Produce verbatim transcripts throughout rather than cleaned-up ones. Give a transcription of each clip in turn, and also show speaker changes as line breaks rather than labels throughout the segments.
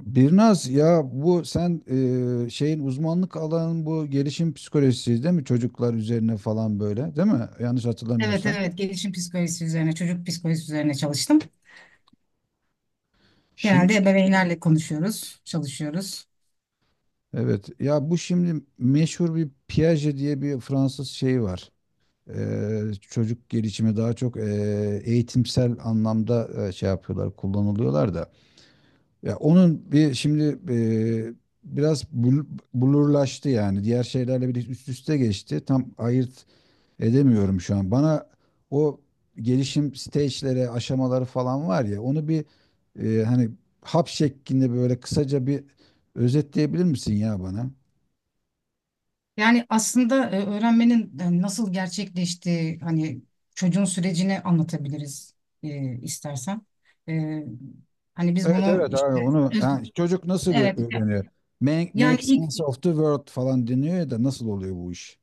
Birnaz ya bu sen e, şeyin uzmanlık alanın bu gelişim psikolojisi değil mi? Çocuklar üzerine falan böyle değil mi? Yanlış
Evet,
hatırlamıyorsam.
evet, gelişim psikolojisi üzerine, çocuk psikolojisi üzerine çalıştım. Genelde
Şimdi
ebeveynlerle konuşuyoruz, çalışıyoruz.
evet, ya bu şimdi meşhur bir Piaget diye bir Fransız şeyi var. E, çocuk gelişimi daha çok e, eğitimsel anlamda e, şey yapıyorlar, kullanılıyorlar da. Ya onun bir şimdi e, biraz bul- bulurlaştı yani, diğer şeylerle bir üst üste geçti. Tam ayırt edemiyorum şu an. Bana o gelişim stage'lere, aşamaları falan var ya, onu bir e, hani hap şeklinde böyle kısaca bir özetleyebilir misin ya bana?
Yani aslında e, öğrenmenin e, nasıl gerçekleştiği, hani çocuğun sürecini anlatabiliriz, e, istersen. E, Hani biz
Evet,
bunu
evet abi,
işte,
onu ha, çocuk nasıl ö-
evet,
öğreniyor? Make,
yani
make sense
ilk.
of the world falan deniyor, ya da nasıl oluyor bu iş?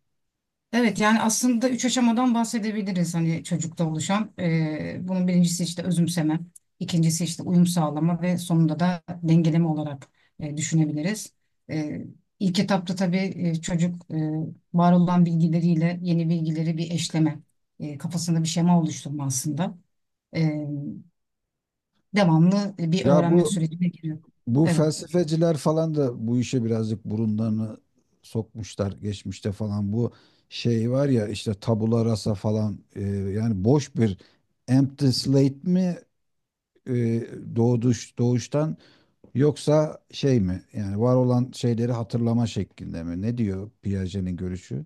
Evet, yani aslında üç aşamadan bahsedebiliriz, hani çocukta oluşan. Ee, bunun birincisi işte özümseme, ikincisi işte uyum sağlama ve sonunda da dengeleme olarak e, düşünebiliriz. Ee, ilk etapta tabii e, çocuk, e, var olan bilgileriyle yeni bilgileri bir eşleme, e, kafasında bir şema oluşturma aslında. Ee, Devamlı bir
Ya
öğrenme
bu
sürecine giriyor.
Bu
Evet.
felsefeciler falan da bu işe birazcık burunlarını sokmuşlar geçmişte falan. Bu şey var ya, işte tabula rasa falan, e, yani boş bir empty slate mi e, doğduş doğuştan, yoksa şey mi? Yani var olan şeyleri hatırlama şeklinde mi? Ne diyor Piaget'in görüşü?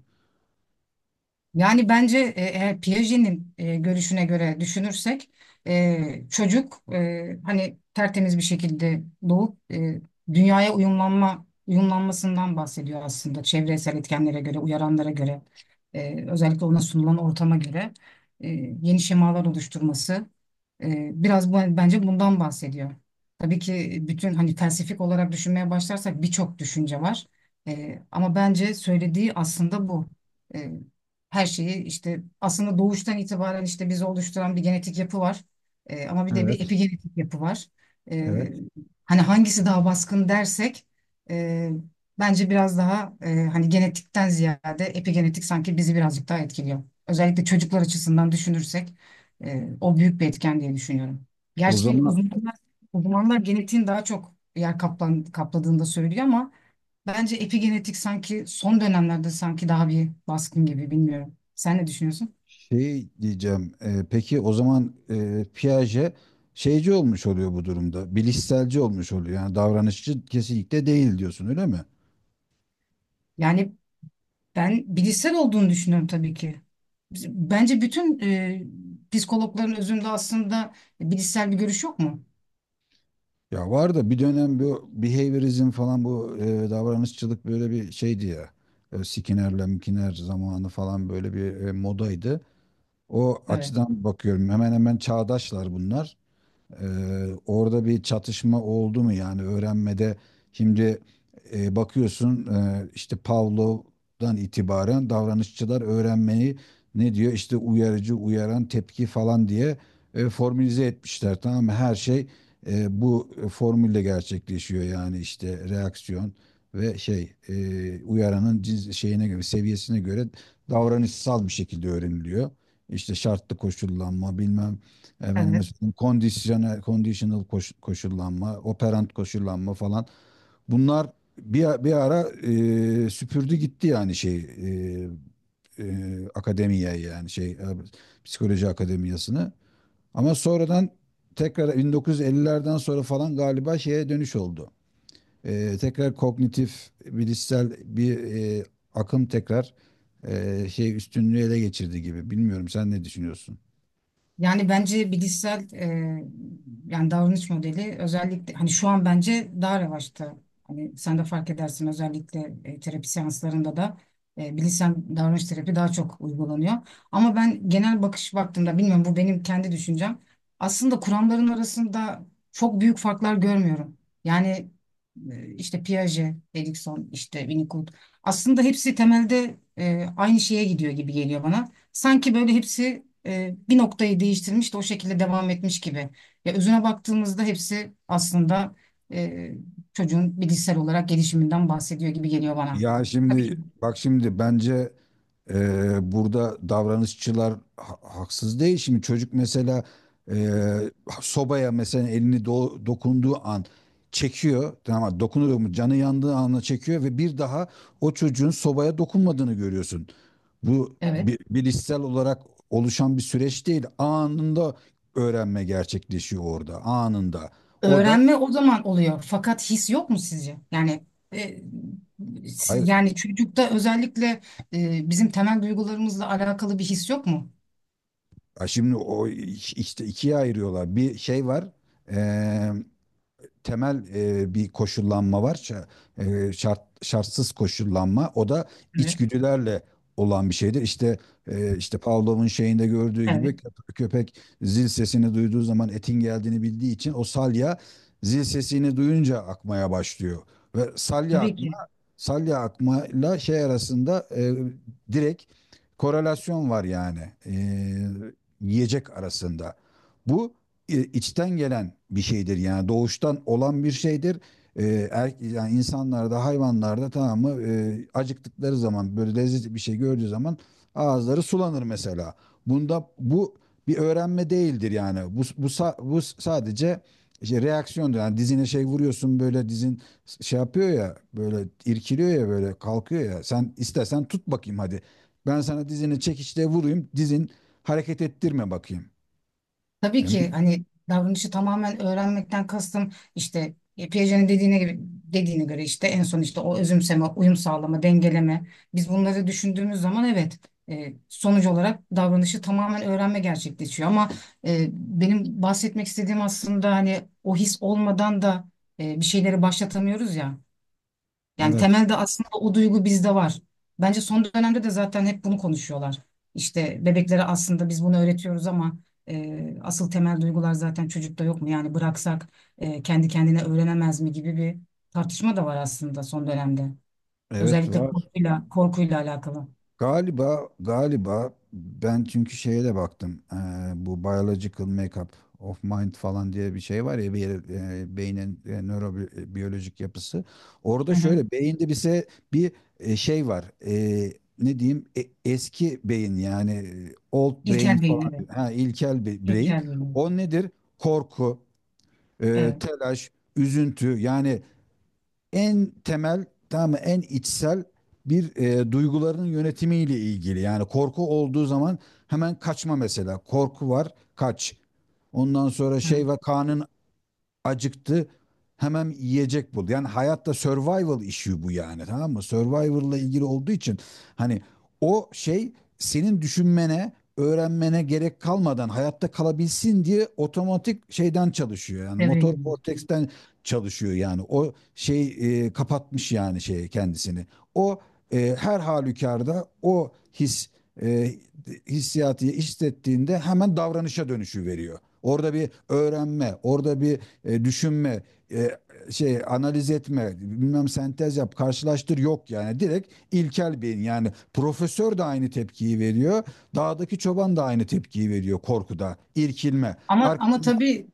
Yani bence e, eğer Piaget'in e, görüşüne göre düşünürsek e, çocuk, e, hani tertemiz bir şekilde doğup e, dünyaya uyumlanma uyumlanmasından bahsediyor aslında, çevresel etkenlere göre, uyaranlara göre, e, özellikle ona sunulan ortama göre e, yeni şemalar oluşturması, e, biraz bu, bence bundan bahsediyor. Tabii ki bütün, hani felsefik olarak düşünmeye başlarsak, birçok düşünce var. E, ama bence söylediği aslında bu. E, her şeyi işte aslında doğuştan itibaren, işte bizi oluşturan bir genetik yapı var. Ee, ama bir de bir
Evet.
epigenetik yapı var. Ee,
Evet.
Hani hangisi daha baskın dersek, e, bence biraz daha, e, hani genetikten ziyade epigenetik sanki bizi birazcık daha etkiliyor. Özellikle çocuklar açısından düşünürsek, e, o büyük bir etken diye düşünüyorum.
O
Gerçi
zaman
uzmanlar, uzmanlar genetiğin daha çok yer kaplan, kapladığını da söylüyor ama bence epigenetik sanki son dönemlerde sanki daha bir baskın gibi, bilmiyorum. Sen ne düşünüyorsun?
Şey diyeceğim. E, peki o zaman e, Piaget şeyci olmuş oluyor bu durumda. Bilişselci olmuş oluyor. Yani davranışçı kesinlikle değil diyorsun, öyle mi?
Yani ben bilişsel olduğunu düşünüyorum tabii ki. Bence bütün, e, psikologların özünde aslında bilişsel bir görüş yok mu?
Ya var da, bir dönem bu behaviorizm falan, bu e, davranışçılık böyle bir şeydi ya. E, Skinner'le Mkinner zamanı falan, böyle bir e, modaydı. O
Evet.
açıdan bakıyorum. Hemen hemen çağdaşlar bunlar. Ee, orada bir çatışma oldu mu yani öğrenmede, şimdi e, bakıyorsun e, işte Pavlov'dan itibaren davranışçılar öğrenmeyi ne diyor, işte uyarıcı uyaran tepki falan diye e, formülize etmişler, tamam mı? Her şey e, bu formülle gerçekleşiyor yani, işte reaksiyon ve şey, e, uyaranın cins- şeyine göre, seviyesine göre davranışsal bir şekilde öğreniliyor. İşte şartlı koşullanma bilmem. Efendim, mesela kondisyonel, conditional koş- koşullanma, operant koşullanma falan. Bunlar bir, bir ara e, süpürdü gitti yani şey, e, e, akademiye, yani şey, e, psikoloji akademiyasını. Ama sonradan tekrar bin dokuz yüz ellilerden sonra falan galiba şeye dönüş oldu. E, tekrar kognitif bilişsel bir e, akım tekrar e, şey üstünlüğü ele geçirdi gibi. Bilmiyorum, sen ne düşünüyorsun?
Yani bence bilişsel, e, yani davranış modeli özellikle, hani şu an bence daha revaçta. Hani sen de fark edersin, özellikle e, terapi seanslarında da e, bilişsel davranış terapi daha çok uygulanıyor. Ama ben genel bakış baktığımda, bilmiyorum, bu benim kendi düşüncem. Aslında kuramların arasında çok büyük farklar görmüyorum. Yani e, işte Piaget, Erikson, işte Winnicott, aslında hepsi temelde e, aynı şeye gidiyor gibi geliyor bana. Sanki böyle hepsi e, bir noktayı değiştirmiş de o şekilde devam etmiş gibi. Ya özüne baktığımızda hepsi aslında e, çocuğun bilişsel olarak gelişiminden bahsediyor gibi geliyor bana.
Ya
Tabii ki.
şimdi bak, şimdi bence eee, burada davranışçılar ha- haksız değil. Şimdi çocuk mesela eee, sobaya mesela elini do- dokunduğu an çekiyor. Tamam mı? Dokunuyor mu? Canı yandığı anla çekiyor ve bir daha o çocuğun sobaya dokunmadığını görüyorsun. Bu
Evet.
bi- bilişsel olarak oluşan bir süreç değil. Anında öğrenme gerçekleşiyor orada. Anında. O da
Öğrenme o zaman oluyor. Fakat his yok mu sizce? Yani e, si-
hayır.
yani çocukta özellikle e, bizim temel duygularımızla alakalı bir his yok mu?
Ha, şimdi o iç- işte ikiye ayırıyorlar. Bir şey var, temel e, bir koşullanma var. Ş- e, şart şartsız koşullanma. O da
Evet.
içgüdülerle olan bir şeydir. İşte e, işte Pavlov'un şeyinde gördüğü gibi,
Evet.
köp- köpek zil sesini duyduğu zaman etin geldiğini bildiği için o salya, zil sesini duyunca akmaya başlıyor. Ve salya
Tabii
akma
ki.
salya akmayla şey arasında, e, direkt korelasyon var yani e, yiyecek arasında. Bu e, içten gelen bir şeydir yani, doğuştan olan bir şeydir. E, er, yani insanlarda, hayvanlarda, tamam mı, e, acıktıkları zaman böyle lezzetli bir şey gördüğü zaman ağızları sulanır mesela. Bunda, bu bir öğrenme değildir yani. Bu bu sa- bu sadece işte reaksiyondur. Yani dizine şey vuruyorsun böyle, dizin şey yapıyor ya, böyle irkiliyor ya, böyle kalkıyor ya. Sen istesen tut bakayım hadi. Ben sana dizini çekiçle vurayım. Dizin hareket ettirme bakayım.
Tabii
E,
ki, hani davranışı tamamen öğrenmekten kastım işte, e, Piaget'in dediğine gibi dediğine göre, işte en son işte o özümseme, uyum sağlama, dengeleme. Biz bunları düşündüğümüz zaman, evet, e, sonuç olarak davranışı tamamen öğrenme gerçekleşiyor. Ama e, benim bahsetmek istediğim aslında, hani o his olmadan da e, bir şeyleri başlatamıyoruz ya. Yani
Evet.
temelde aslında o duygu bizde var. Bence son dönemde de zaten hep bunu konuşuyorlar. İşte bebeklere aslında biz bunu öğretiyoruz ama e, asıl temel duygular zaten çocukta yok mu? Yani bıraksak e, kendi kendine öğrenemez mi gibi bir tartışma da var aslında son dönemde.
Evet
Özellikle
var.
korkuyla, korkuyla alakalı.
Galiba, galiba ben çünkü şeye de baktım. Ee, bu biological makeup of mind falan diye bir şey var ya bir yere-, e, beynin e, nörobiyolojik yapısı.
Hı
Orada
hı.
şöyle beyinde bize bir e, şey var. Ee, ne diyeyim? E- eski beyin, yani e, old brain
İlkel beyin,
falan.
evet.
Ha, ilkel bir brain.
İlkel beyin.
O nedir? Korku,
Evet.
e,
Evet.
telaş, üzüntü, yani en temel, tamam mı, en içsel bir e, duyguların yönetimiyle ilgili. Yani korku olduğu zaman hemen kaçma mesela. Korku var, kaç. Ondan sonra
Evet.
şey var, kanın acıktı, hemen yiyecek bul. Yani hayatta survival işi bu yani, tamam mı? Survival'la ilgili olduğu için hani o şey, senin düşünmene, öğrenmene gerek kalmadan hayatta kalabilsin diye otomatik şeyden çalışıyor. Yani
Devreye
motor
giriyor.
korteksten çalışıyor yani. O şey e, kapatmış yani şey kendisini. O e, her halükarda o his, e, hissiyatı hissettiğinde hemen davranışa dönüşü veriyor. Orada bir öğrenme, orada bir e, düşünme, e, şey analiz etme, bilmem sentez yap, karşılaştır yok yani. Direkt ilkel beyin, yani profesör de aynı tepkiyi veriyor. Dağdaki çoban da aynı tepkiyi veriyor korkuda, irkilme.
Ama
Ar-
ama tabii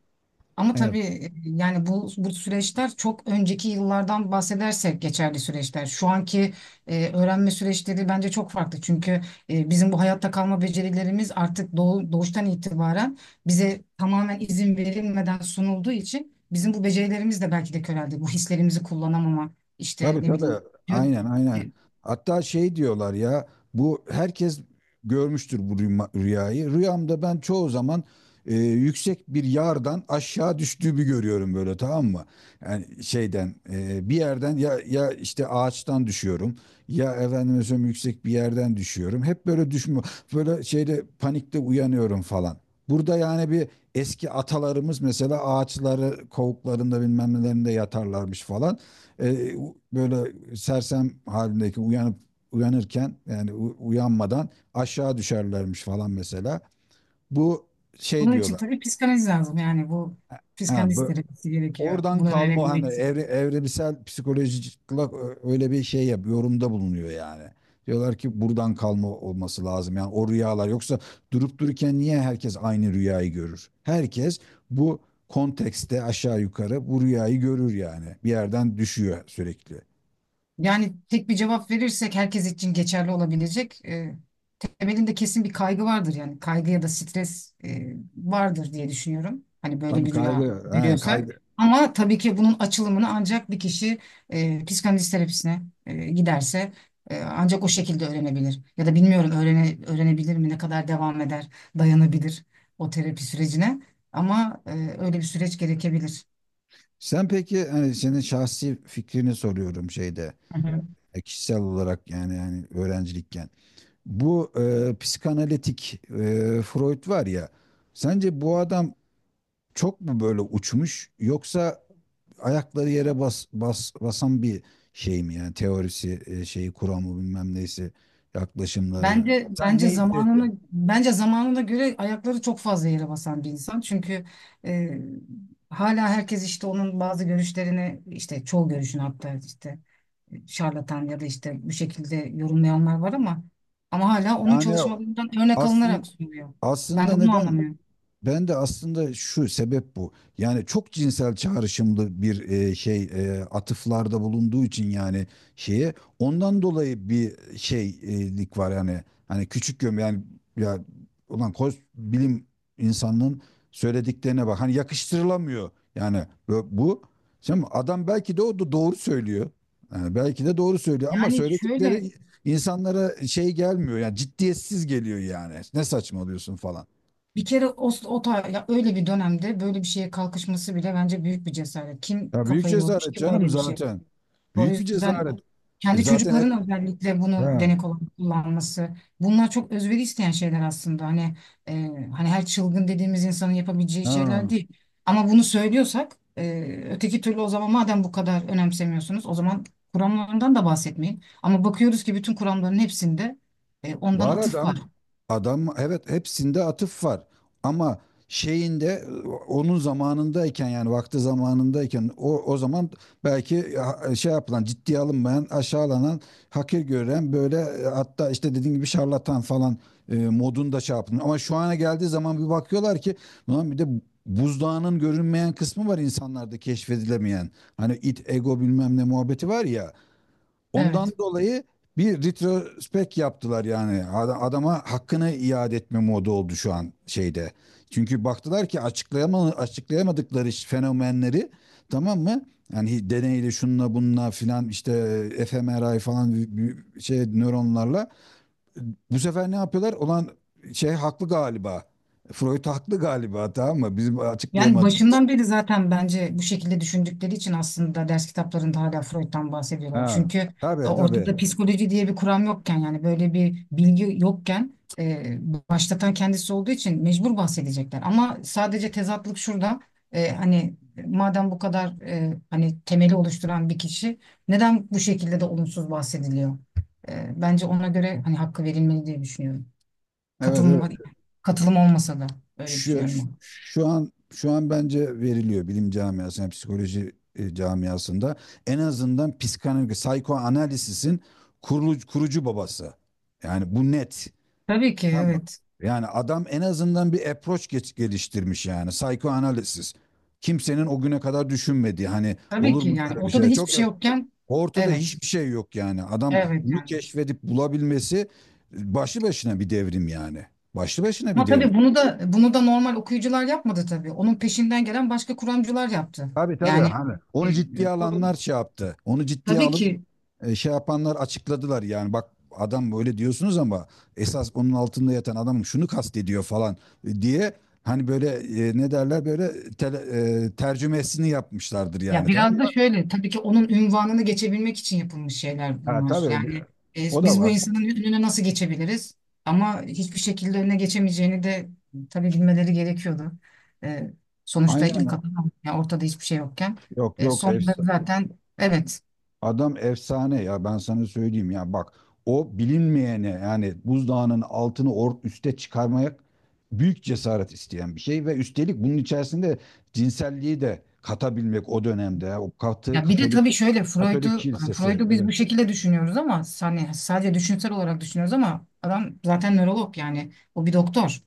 Ama
evet.
tabii, e, yani bu bu süreçler çok önceki yıllardan bahsedersek geçerli süreçler. Şu anki e, öğrenme süreçleri bence çok farklı. Çünkü e, bizim bu hayatta kalma becerilerimiz artık doğu- doğuştan itibaren bize tamamen izin verilmeden sunulduğu için, bizim bu becerilerimiz de belki de köreldi. Bu hislerimizi kullanamama, işte
Tabii,
ne
tabii.
bileyim, diyor.
Aynen,
E,
aynen. Hatta şey diyorlar ya, bu herkes görmüştür bu rüyma- rüyayı. Rüyamda ben çoğu zaman e, yüksek bir yardan aşağı düştüğümü görüyorum böyle, tamam mı? Yani şeyden, e, bir yerden, ya ya işte ağaçtan düşüyorum, ya efendime söyleyeyim yüksek bir yerden düşüyorum. Hep böyle düşme, böyle şeyde, panikte uyanıyorum falan. Burada yani bir eski atalarımız mesela ağaçları kovuklarında bilmem nelerinde yatarlarmış falan, e, böyle sersem halindeki uyanıp, uyanırken yani u- uyanmadan aşağı düşerlermiş falan mesela. Bu şey
Bunun için
diyorlar.
tabii psikanaliz lazım. Yani bu
Ha,
psikanalist
bu
terapisi gerekiyor
oradan
bunu
kalma, o hani
öğrenebilmek.
evre, evrimsel psikolojik olarak ö- öyle bir şey yap, yorumda bulunuyor yani. Diyorlar ki buradan kalma olması lazım. Yani o rüyalar yoksa durup dururken niye herkes aynı rüyayı görür? Herkes bu kontekste aşağı yukarı bu rüyayı görür yani. Bir yerden düşüyor sürekli.
Yani tek bir cevap verirsek herkes için geçerli olabilecek. E, temelinde kesin bir kaygı vardır, yani kaygı ya da stres, e, vardır diye düşünüyorum. Hani böyle
Tabii
bir rüya
kaygı, he,
görüyorsak.
kaygı.
Ama tabii ki bunun açılımını ancak bir kişi, e, psikanaliz terapisine e, giderse, e, ancak o şekilde öğrenebilir. Ya da bilmiyorum, öğrene, öğrenebilir mi, ne kadar devam eder, dayanabilir o terapi sürecine. Ama e, öyle bir süreç gerekebilir.
Sen peki, hani senin şahsi fikrini soruyorum şeyde, e, kişisel olarak yani, yani öğrencilikken. Bu e, psikanalitik, e, Freud var ya, sence bu adam çok mu böyle uçmuş, yoksa ayakları yere bas, bas basan bir şey mi, yani teorisi e, şeyi, kuramı, bilmem neyse yaklaşımları.
Bence
Sen
bence
ne hissettin?
zamanına bence zamanına göre ayakları çok fazla yere basan bir insan. Çünkü e, hala herkes işte onun bazı görüşlerini, işte çoğu görüşünü, hatta işte, e, şarlatan ya da işte bu şekilde yorumlayanlar var ama ama hala onun
Yani
çalışmalarından örnek
aslında
alınarak sunuluyor. Ben de
aslında
bunu
neden,
anlamıyorum.
ben de aslında şu sebep bu. Yani çok cinsel çağrışımlı bir e, şey, e, atıflarda bulunduğu için, yani şeye, ondan dolayı bir şeylik var yani, hani küçük göm yani. Ya, ulan koz, bilim insanının söylediklerine bak, hani yakıştırılamıyor yani, bu, bu. Şimdi adam belki de, o da doğru söylüyor. Yani belki de doğru söylüyor, ama
Yani şöyle,
söyledikleri insanlara şey gelmiyor yani, ciddiyetsiz geliyor yani. Ne saçmalıyorsun falan.
bir kere o, o ta- ya öyle bir dönemde böyle bir şeye kalkışması bile bence büyük bir cesaret. Kim
Ya büyük
kafayı yormuş
cesaret
ki
canım
böyle bir şey?
zaten.
O
Büyük bir
yüzden
cesaret. E,
kendi
Zaten hep
çocukların özellikle bunu
ha,
denek olarak kullanması. Bunlar çok özveri isteyen şeyler aslında. Hani e, hani her çılgın dediğimiz insanın yapabileceği şeyler
ha.
değil. Ama bunu söylüyorsak e, öteki türlü, o zaman madem bu kadar önemsemiyorsunuz, o zaman kuramlarından da bahsetmeyin. Ama bakıyoruz ki bütün kuramların hepsinde e, ondan
Var
atıf
adam.
var.
Adam evet, hepsinde atıf var. Ama şeyinde, onun zamanındayken yani vakti zamanındayken, o, o zaman belki ha- şey yapılan, ciddiye alınmayan, aşağılanan, hakir gören böyle, e, hatta işte dediğim gibi şarlatan falan e, modunda şey yapın. Ama şu ana geldiği zaman bir bakıyorlar ki ulan bir de buzdağının görünmeyen kısmı var insanlarda, keşfedilemeyen. Hani it, ego, bilmem ne muhabbeti var ya. Ondan
Evet.
dolayı bir retrospekt yaptılar yani. Ad- Adama hakkını iade etme modu oldu şu an şeyde. Çünkü baktılar ki açıklayama, açıklayamadıkları ş- fenomenleri, tamam mı? Yani deneyle, şunla bununla filan, işte fMRI falan, bir- bir şey nöronlarla. Bu sefer ne yapıyorlar? Olan şey haklı galiba. Freud haklı galiba, tamam mı? Bizim
Yani
açıklayamadığımız.
başından beri zaten bence bu şekilde düşündükleri için aslında ders kitaplarında hala Freud'dan bahsediyorlar.
Ha.
Çünkü
Tabii, tabii.
ortada psikoloji diye bir kuram yokken, yani böyle bir bilgi yokken, e, başlatan kendisi olduğu için mecbur bahsedecekler. Ama sadece tezatlık şurada: e, hani madem bu kadar, e, hani temeli oluşturan bir kişi, neden bu şekilde de olumsuz bahsediliyor? E, bence ona göre hani hakkı verilmeli diye düşünüyorum.
Evet,
Katılım,
evet.
katılım olmasa da öyle
Şu,
düşünüyorum.
şu an şu an bence veriliyor bilim camiasında, psikoloji e, camiasında, en azından psikanaliz, psikoanalizisin kurucu, kurucu babası. Yani bu net.
Tabii ki,
Tamam mı?
evet.
Yani adam en azından bir approach geç, geliştirmiş yani, psikoanaliz. Kimsenin o güne kadar düşünmediği, hani
Tabii
olur
ki,
mu
yani
böyle bir
ortada
şey? Çok
hiçbir şey yokken,
ortada
evet,
hiçbir şey yok yani. Adam
evet,
bunu
yani.
keşfedip bulabilmesi e, başlı başına bir devrim yani. Başlı başına bir
Ama
devrim.
tabii bunu da bunu da normal okuyucular yapmadı tabii. Onun peşinden gelen başka kuramcılar yaptı.
Tabii, tabii,
Yani
hani
e,
onu ciddiye
o,
alanlar şey yaptı. Onu ciddiye
tabii
alıp
ki,
e, şey yapanlar açıkladılar yani, bak adam böyle diyorsunuz ama esas onun altında yatan, adam şunu kastediyor falan e, diye, hani böyle, e, ne derler böyle, tele- e, tercümesini yapmışlardır
ya
yani, tamam
biraz da
mı?
şöyle, tabii ki onun ünvanını geçebilmek için yapılmış şeyler
Ha
bunlar.
tabii
Yani
bir-
e,
o da
biz bu
var.
insanın önüne nasıl geçebiliriz? Ama hiçbir şekilde önüne geçemeyeceğini de tabii bilmeleri gerekiyordu. E, Sonuçta ilk
Aynen.
adam, yani ortada hiçbir şey yokken,
Yok,
e,
yok.
sonunda zaten, evet.
Adam efsane ya, ben sana söyleyeyim ya, bak o bilinmeyene, yani buzdağının altını or üste çıkarmaya, büyük cesaret isteyen bir şey, ve üstelik bunun içerisinde cinselliği de katabilmek o dönemde ya, o katı
Ya bir de tabii
Katolik,
şöyle,
Katolik
Freud'u hani
kilisesi,
Freud'u biz bu
evet.
şekilde düşünüyoruz ama, hani sadece düşünsel olarak düşünüyoruz, ama adam zaten nörolog, yani o bir doktor.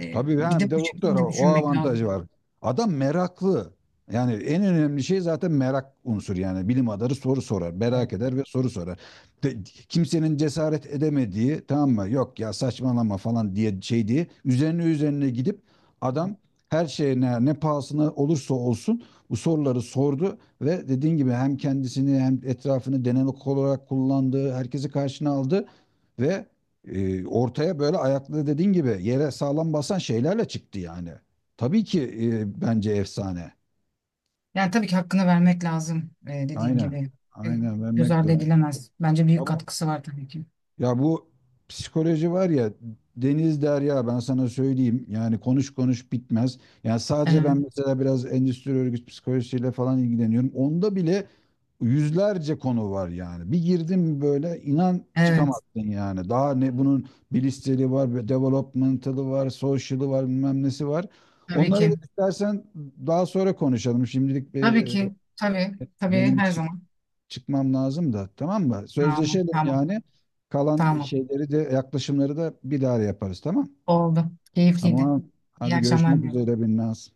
Ee,
Tabii,
bir
ha bir
de
de
bu
doktor, o
şekilde
o
düşünmek lazım.
avantajı var. Adam meraklı. Yani en önemli şey zaten merak unsur yani, bilim adamı soru sorar,
Evet,
merak eder ve soru sorar. De- Kimsenin cesaret edemediği, tamam mı? Yok ya, saçmalama falan diye şey diye, üzerine üzerine gidip
evet.
adam her şeyine, ne pahasına olursa olsun bu soruları sordu ve dediğin gibi hem kendisini hem etrafını denemek olarak kullandı, herkesi karşına aldı ve e, ortaya böyle ayaklı, dediğin gibi yere sağlam basan şeylerle çıktı yani. Tabii ki, e, bence efsane.
Yani tabii ki hakkını vermek lazım, ee, dediğin
Aynen.
gibi. Ee,
Aynen
Göz
vermek
ardı
lazım.
edilemez. Bence büyük
Tamam.
katkısı var tabii ki.
Ya bu psikoloji var ya, deniz derya, ben sana söyleyeyim yani, konuş konuş bitmez. Yani sadece ben
Evet,
mesela biraz endüstri örgüt psikolojisiyle falan ilgileniyorum. Onda bile yüzlerce konu var yani. Bir girdim mi böyle, inan
evet,
çıkamazsın yani. Daha ne bunun bilişseli var, bir developmental'ı var, social'ı var, bilmem nesi var.
tabii
Onları
ki.
da istersen daha sonra konuşalım. Şimdilik bir,
Tabii
e,
ki. Tabii. Tabii,
benim
her
için
zaman.
çıkmam lazım da, tamam mı?
Tamam.
Sözleşelim
Tamam.
yani. Kalan
Tamam.
şeyleri de, yaklaşımları da bir daha yaparız, tamam?
Oldu. Keyifliydi.
Tamam.
İyi
Hadi
akşamlar
görüşmek
diliyorum.
üzere Binnaz.